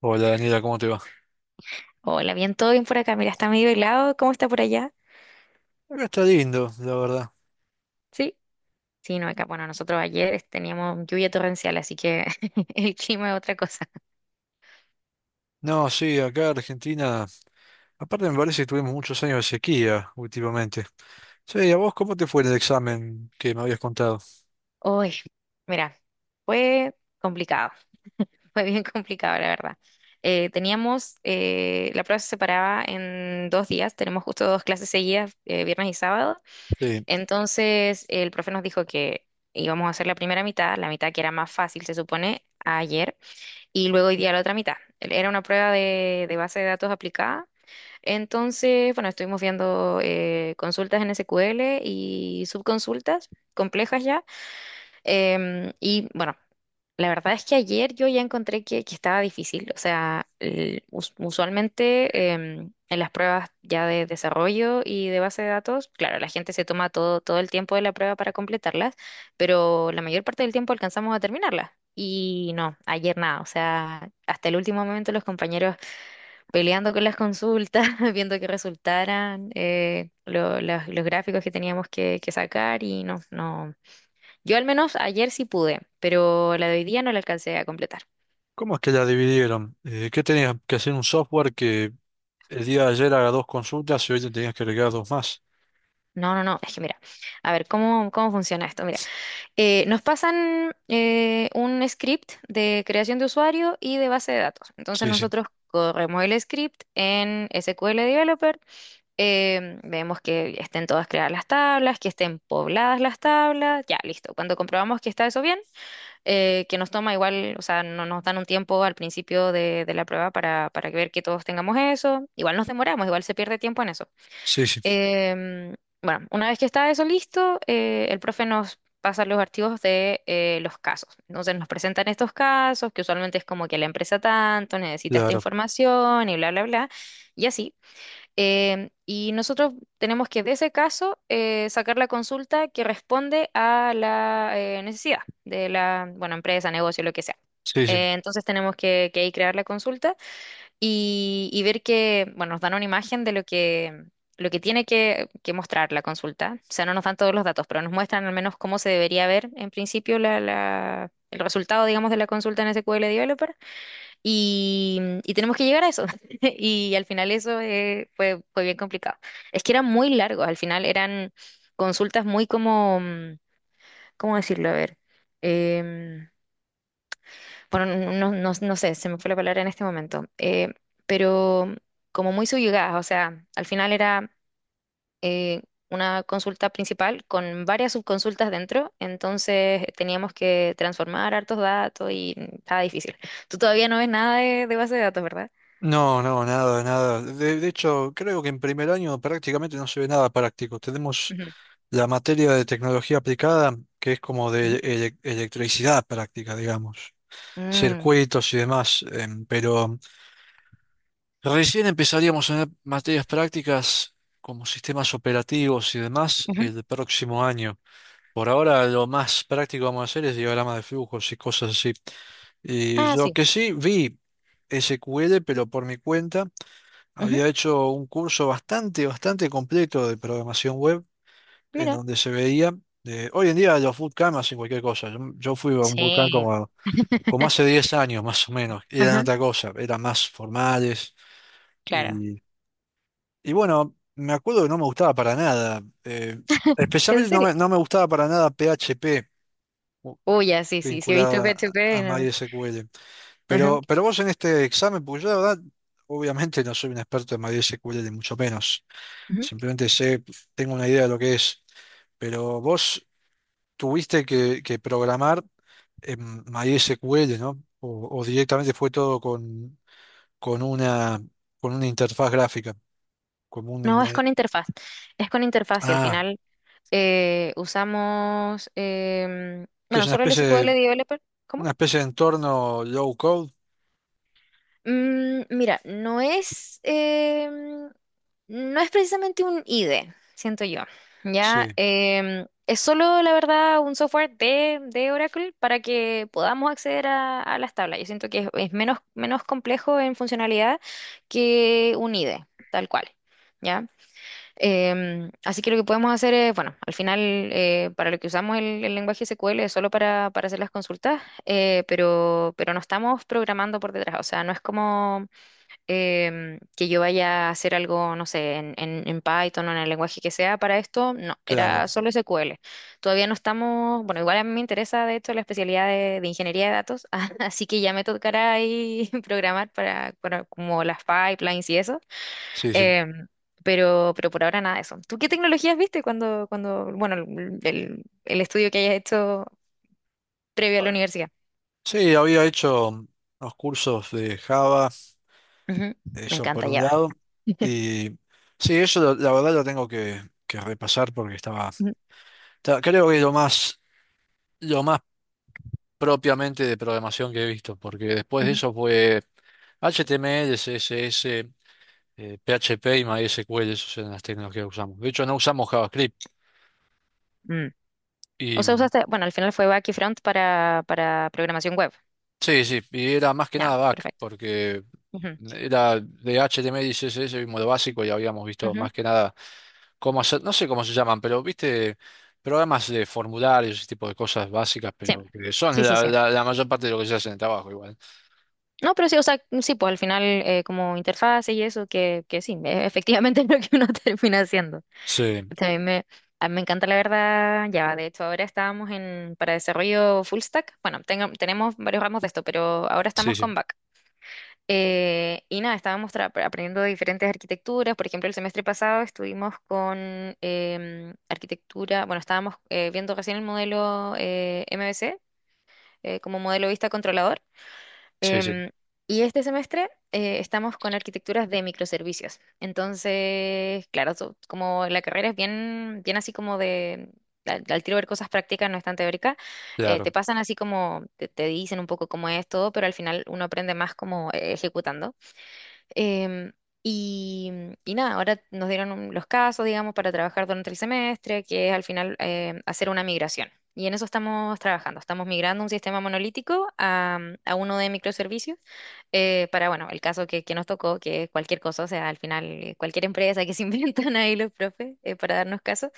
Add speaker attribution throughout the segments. Speaker 1: Hola Daniela, ¿cómo te va?
Speaker 2: Hola, bien, todo bien por acá. Mira, está medio helado. ¿Cómo está por allá?
Speaker 1: Acá está lindo, la verdad.
Speaker 2: Sí. Sí, no, acá, bueno, nosotros ayer teníamos lluvia torrencial, así que el clima es otra cosa.
Speaker 1: No, sí, acá Argentina, aparte me parece que tuvimos muchos años de sequía últimamente. Sí, ¿a vos cómo te fue en el examen que me habías contado?
Speaker 2: Hoy, mira, fue complicado, fue bien complicado, la verdad. Teníamos, la prueba se separaba en dos días, tenemos justo dos clases seguidas, viernes y sábado.
Speaker 1: Sí,
Speaker 2: Entonces, el profe nos dijo que íbamos a hacer la primera mitad, la mitad que era más fácil, se supone, ayer. Y luego hoy día la otra mitad. Era una prueba de base de datos aplicada. Entonces, bueno, estuvimos viendo consultas en SQL y subconsultas complejas ya. Y bueno, la verdad es que ayer yo ya encontré que estaba difícil. O sea, usualmente en las pruebas ya de desarrollo y de base de datos, claro, la gente se toma todo, todo el tiempo de la prueba para completarlas, pero la mayor parte del tiempo alcanzamos a terminarlas. Y no, ayer nada. O sea, hasta el último momento los compañeros peleando con las consultas, viendo que resultaran los gráficos que teníamos que sacar y no, no. Yo al menos ayer sí pude, pero la de hoy día no la alcancé a completar.
Speaker 1: ¿cómo es que la dividieron? ¿Qué tenías que hacer un software que el día de ayer haga dos consultas y hoy te tenías que agregar dos más?
Speaker 2: No, no, no, es que mira, a ver, ¿cómo, cómo funciona esto? Mira, nos pasan un script de creación de usuario y de base de datos. Entonces
Speaker 1: Sí, sí,
Speaker 2: nosotros corremos el script en SQL Developer, vemos que estén todas creadas las tablas, que estén pobladas las tablas, ya, listo. Cuando comprobamos que está eso bien, que nos toma igual, o sea, no nos dan un tiempo al principio de la prueba para ver que todos tengamos eso. Igual nos demoramos, igual se pierde tiempo en eso.
Speaker 1: sí, sí,
Speaker 2: Em, bueno, una vez que está eso listo, el profe nos pasa los archivos de los casos. Entonces nos presentan estos casos, que usualmente es como que la empresa tanto necesita esta
Speaker 1: claro,
Speaker 2: información y bla, bla, bla. Y así. Y nosotros tenemos que, de ese caso, sacar la consulta que responde a la necesidad de la, bueno, empresa, negocio, lo que sea.
Speaker 1: sí, sí.
Speaker 2: Entonces tenemos que ahí crear la consulta y ver que, bueno, nos dan una imagen de lo que tiene que mostrar la consulta. O sea, no nos dan todos los datos, pero nos muestran al menos cómo se debería ver en principio la, el resultado, digamos, de la consulta en SQL Developer. Y tenemos que llegar a eso. Y al final eso fue, fue bien complicado. Es que eran muy largos, al final eran consultas muy como, ¿cómo decirlo? A ver, em, bueno, no, sé, se me fue la palabra en este momento, pero como muy subyugadas, o sea, al final era eh, una consulta principal con varias subconsultas dentro, entonces teníamos que transformar hartos datos y estaba difícil. Tú todavía no ves nada de base de datos, ¿verdad?
Speaker 1: No, no, nada, nada. De hecho, creo que en primer año prácticamente no se ve nada práctico. Tenemos
Speaker 2: Ujú,
Speaker 1: la materia de tecnología aplicada, que es como de
Speaker 2: ujú.
Speaker 1: electricidad práctica, digamos,
Speaker 2: Mm,
Speaker 1: circuitos y demás, pero recién empezaríamos a ver materias prácticas como sistemas operativos y demás
Speaker 2: ujú.
Speaker 1: el próximo año. Por ahora lo más práctico vamos a hacer es diagrama de flujos y cosas así. Y
Speaker 2: Ah,
Speaker 1: lo
Speaker 2: sí.
Speaker 1: que sí vi SQL, pero por mi cuenta,
Speaker 2: Ujú.
Speaker 1: había hecho un curso bastante, bastante completo de programación web en
Speaker 2: Mira.
Speaker 1: donde se veía. Hoy en día los bootcamp hacen cualquier cosa. Yo fui a un
Speaker 2: Sí.
Speaker 1: bootcamp como hace 10 años más o menos, y eran
Speaker 2: Ajá,
Speaker 1: otra cosa, eran más formales.
Speaker 2: claro.
Speaker 1: Y, y bueno, me acuerdo que no me gustaba para nada.
Speaker 2: ¿En
Speaker 1: Especialmente
Speaker 2: serio?
Speaker 1: no me gustaba para nada PHP u-
Speaker 2: Uy, ya, sí, sí, sí, he
Speaker 1: vinculado
Speaker 2: visto PHP,
Speaker 1: a
Speaker 2: no.
Speaker 1: MySQL.
Speaker 2: Ajá,
Speaker 1: Pero vos en este examen, porque yo la verdad, obviamente no soy un experto en MySQL, ni mucho menos.
Speaker 2: ujú.
Speaker 1: Simplemente sé, tengo una idea de lo que es. Pero vos tuviste que programar en MySQL, ¿no? O directamente fue todo con una, con una interfaz gráfica, como
Speaker 2: No,
Speaker 1: un,
Speaker 2: es con interfaz. Es con interfaz y al
Speaker 1: ah,
Speaker 2: final usamos,
Speaker 1: que es
Speaker 2: bueno, solo el SQL Developer. ¿Cómo?
Speaker 1: una especie de entorno low code.
Speaker 2: Mira, no es, no es precisamente un IDE, siento yo.
Speaker 1: Sí,
Speaker 2: Ya. Es solo, la verdad, un software de Oracle para que podamos acceder a las tablas. Yo siento que es menos, menos complejo en funcionalidad que un IDE, tal cual. ¿Ya? Así que lo que podemos hacer es, bueno, al final para lo que usamos el lenguaje SQL es solo para hacer las consultas, pero no estamos programando por detrás, o sea, no es como que yo vaya a hacer algo, no sé, en, en Python o en el lenguaje que sea para esto, no,
Speaker 1: claro,
Speaker 2: era solo SQL. Todavía no estamos, bueno, igual a mí me interesa de hecho la especialidad de ingeniería de datos, así que ya me tocará ahí programar para como las pipelines y eso.
Speaker 1: sí, sí.
Speaker 2: Em, pero por ahora nada de eso. ¿Tú qué tecnologías viste cuando, cuando, bueno, el, el estudio que hayas hecho previo a la universidad?
Speaker 1: Sí, había hecho unos cursos de Java,
Speaker 2: Ujú. Me
Speaker 1: eso por
Speaker 2: encanta,
Speaker 1: un
Speaker 2: Java.
Speaker 1: lado, y sí, la verdad lo tengo que repasar porque
Speaker 2: Ujú,
Speaker 1: creo que lo más propiamente de programación que he visto, porque después de
Speaker 2: ujú.
Speaker 1: eso fue HTML, CSS, PHP y MySQL, esas eran las tecnologías que usamos. De hecho, no usamos JavaScript
Speaker 2: Mm.
Speaker 1: y
Speaker 2: O sea, usaste, bueno, al final fue back y front para programación web.
Speaker 1: sí, sí, y era más que
Speaker 2: Ya,
Speaker 1: nada back,
Speaker 2: perfecto.
Speaker 1: porque
Speaker 2: Ujú,
Speaker 1: era de HTML y CSS vimos lo básico y habíamos visto
Speaker 2: ujú.
Speaker 1: más que nada cómo hacer, no sé cómo se llaman, pero viste programas de formularios, ese tipo de cosas básicas,
Speaker 2: Sí,
Speaker 1: pero que son
Speaker 2: sí, sí,
Speaker 1: la,
Speaker 2: sí.
Speaker 1: la la mayor parte de lo que se hace en el trabajo igual.
Speaker 2: No, pero sí, o sea, mm, sí, pues al final como interfaces y eso, que sí, efectivamente es lo que uno termina haciendo.
Speaker 1: Sí,
Speaker 2: También me, a mí me encanta la verdad ya. De hecho, ahora estábamos en, para desarrollo full stack. Bueno, tenemos varios ramos de esto, pero ahora
Speaker 1: sí,
Speaker 2: estamos
Speaker 1: sí,
Speaker 2: con back. Y nada, estábamos aprendiendo de diferentes arquitecturas. Por ejemplo, el semestre pasado estuvimos con arquitectura, bueno, estábamos viendo recién el modelo MVC como modelo vista controlador.
Speaker 1: sí, sí,
Speaker 2: Em, y este semestre estamos con arquitecturas de microservicios. Entonces, claro, como la carrera es bien, bien así como de, al, al tiro ver cosas prácticas, no es tan teórica,
Speaker 1: claro.
Speaker 2: te pasan así como, te dicen un poco cómo es todo, pero al final uno aprende más como ejecutando. Em, y, y nada, ahora nos dieron los casos, digamos, para trabajar durante el semestre, que es al final hacer una migración. Y en eso estamos trabajando. Estamos migrando un sistema monolítico a, a uno de microservicios para, bueno, el caso que nos tocó, que es cualquier cosa, o sea, al final cualquier empresa que se inventan ahí los profes para darnos caso.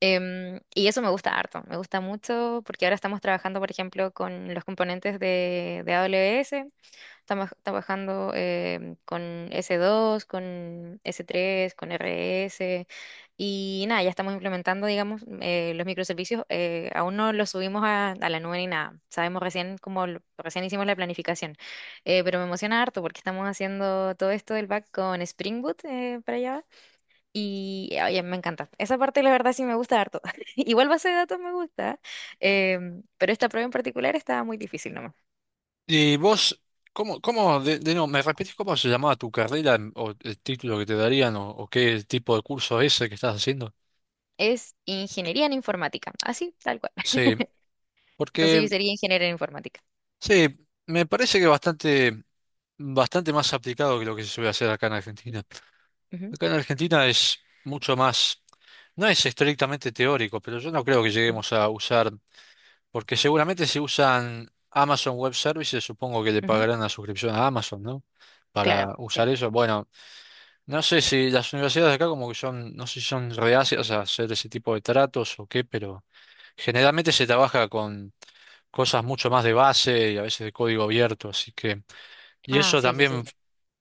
Speaker 2: Y eso me gusta harto, me gusta mucho porque ahora estamos trabajando, por ejemplo, con los componentes de AWS. Estamos trabajando con S2, con S3, con RS y nada, ya estamos implementando, digamos, los microservicios. Aún no los subimos a la nube ni nada. Sabemos recién como recién hicimos la planificación. Pero me emociona harto porque estamos haciendo todo esto del back con Spring Boot para allá y oye, me encanta. Esa parte la verdad sí me gusta harto. Igual base de datos me gusta, pero esta prueba en particular estaba muy difícil.
Speaker 1: Y vos, ¿cómo, cómo, de nuevo, me repetís cómo se llamaba tu carrera o el título que te darían o qué tipo de curso es ese que estás haciendo?
Speaker 2: Es ingeniería en informática, así, tal cual.
Speaker 1: Sí,
Speaker 2: Entonces
Speaker 1: porque
Speaker 2: yo sería ingeniera en informática.
Speaker 1: sí, me parece que bastante, bastante más aplicado que lo que se suele hacer acá en Argentina.
Speaker 2: Ujú,
Speaker 1: Acá en Argentina es mucho más, no es estrictamente teórico, pero yo no creo que lleguemos a usar, porque seguramente si usan Amazon Web Services, supongo que le
Speaker 2: ujú, ujú.
Speaker 1: pagarán la suscripción a Amazon, ¿no?
Speaker 2: Claro,
Speaker 1: Para
Speaker 2: sí.
Speaker 1: usar eso, bueno. No sé si las universidades de acá como que son, no sé si son reacias a hacer ese tipo de tratos o qué, pero generalmente se trabaja con cosas mucho más de base y a veces de código abierto, así que, y
Speaker 2: Ah,
Speaker 1: eso
Speaker 2: sí, sí, sí.
Speaker 1: también
Speaker 2: Sí.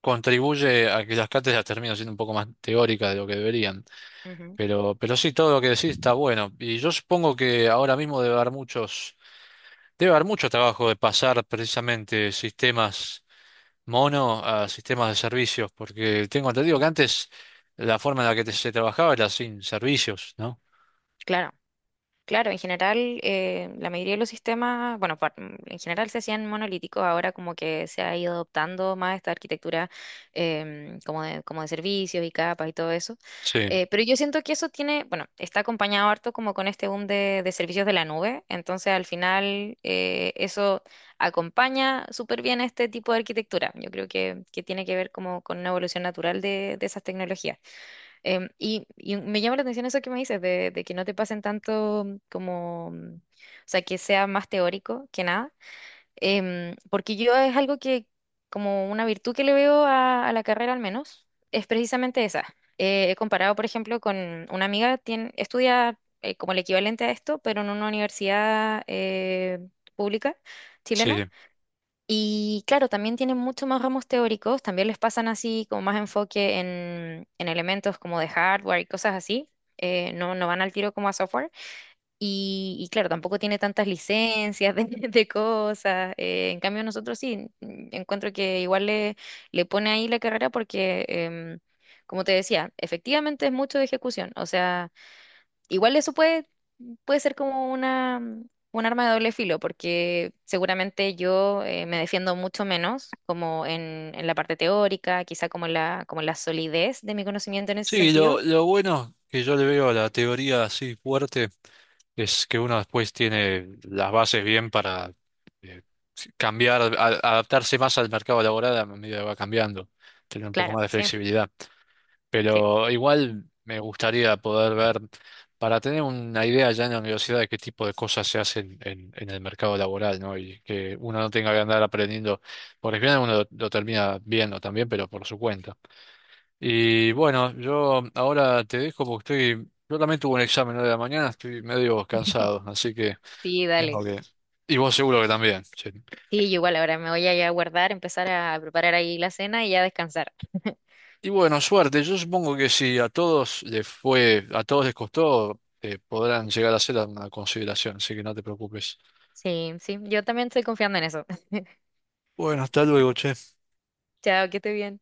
Speaker 1: contribuye a que las cátedras terminen siendo un poco más teóricas de lo que deberían.
Speaker 2: Ujú,
Speaker 1: Pero sí, todo lo que decís está bueno. Y yo supongo que ahora mismo debe haber muchos, debe haber mucho trabajo de pasar precisamente sistemas mono a sistemas de servicios, porque tengo entendido
Speaker 2: sí,
Speaker 1: que antes la forma en la que se trabajaba era sin servicios, ¿no?
Speaker 2: claro. Claro, en general, la mayoría de los sistemas, bueno, en general se hacían monolíticos, ahora como que se ha ido adoptando más esta arquitectura como de servicios y capas y todo eso.
Speaker 1: Sí,
Speaker 2: Pero yo siento que eso tiene, bueno, está acompañado harto como con este boom de servicios de la nube, entonces al final eso acompaña súper bien este tipo de arquitectura. Yo creo que tiene que ver como con una evolución natural de esas tecnologías. Y me llama la atención eso que me dices, de que no te pasen tanto como, mm, o sea, que sea más teórico que nada. Porque yo es algo que, como una virtud que le veo a la carrera al menos, es precisamente esa. He comparado, por ejemplo, con una amiga, tiene, estudia como el equivalente a esto, pero en una universidad pública
Speaker 1: sí,
Speaker 2: chilena.
Speaker 1: sí.
Speaker 2: Y claro, también tienen mucho más ramos teóricos, también les pasan así como más enfoque en elementos como de hardware y cosas así. No, no van al tiro como a software. Y claro, tampoco tiene tantas licencias de, de cosas. En cambio, nosotros sí, encuentro que igual le, le pone ahí la carrera porque, como te decía, efectivamente es mucho de ejecución. O sea... Igual eso puede, puede ser como una, un arma de doble filo, porque seguramente yo me defiendo mucho menos como en la parte teórica, quizá como en la solidez de mi conocimiento en ese
Speaker 1: Sí,
Speaker 2: sentido.
Speaker 1: lo bueno que yo le veo a la teoría así fuerte es que uno después tiene las bases bien para eh, cambiar, adaptarse más al mercado laboral a medida que va cambiando, tener un poco
Speaker 2: Claro,
Speaker 1: más de
Speaker 2: sí,
Speaker 1: flexibilidad.
Speaker 2: sí,
Speaker 1: Pero igual me gustaría poder ver, para tener una idea ya en la universidad de qué tipo de cosas se hacen en el mercado laboral, ¿no? Y que uno no tenga que andar aprendiendo, porque al final uno lo termina viendo también, pero por su cuenta. Y bueno, yo ahora te dejo porque estoy, yo también tuve un examen hoy de la mañana, estoy medio cansado, así que
Speaker 2: sí,
Speaker 1: tengo
Speaker 2: dale.
Speaker 1: que... Y vos seguro que también. Sí.
Speaker 2: Sí, yo igual ahora me voy a ir a guardar, empezar a preparar ahí la cena y ya descansar.
Speaker 1: Y bueno, suerte. Yo supongo que si a todos les fue, a todos les costó, podrán llegar a ser una consideración, así que no te preocupes.
Speaker 2: Sí, sí, yo también estoy confiando en eso.
Speaker 1: Bueno, hasta luego, che.
Speaker 2: Chao, que esté bien.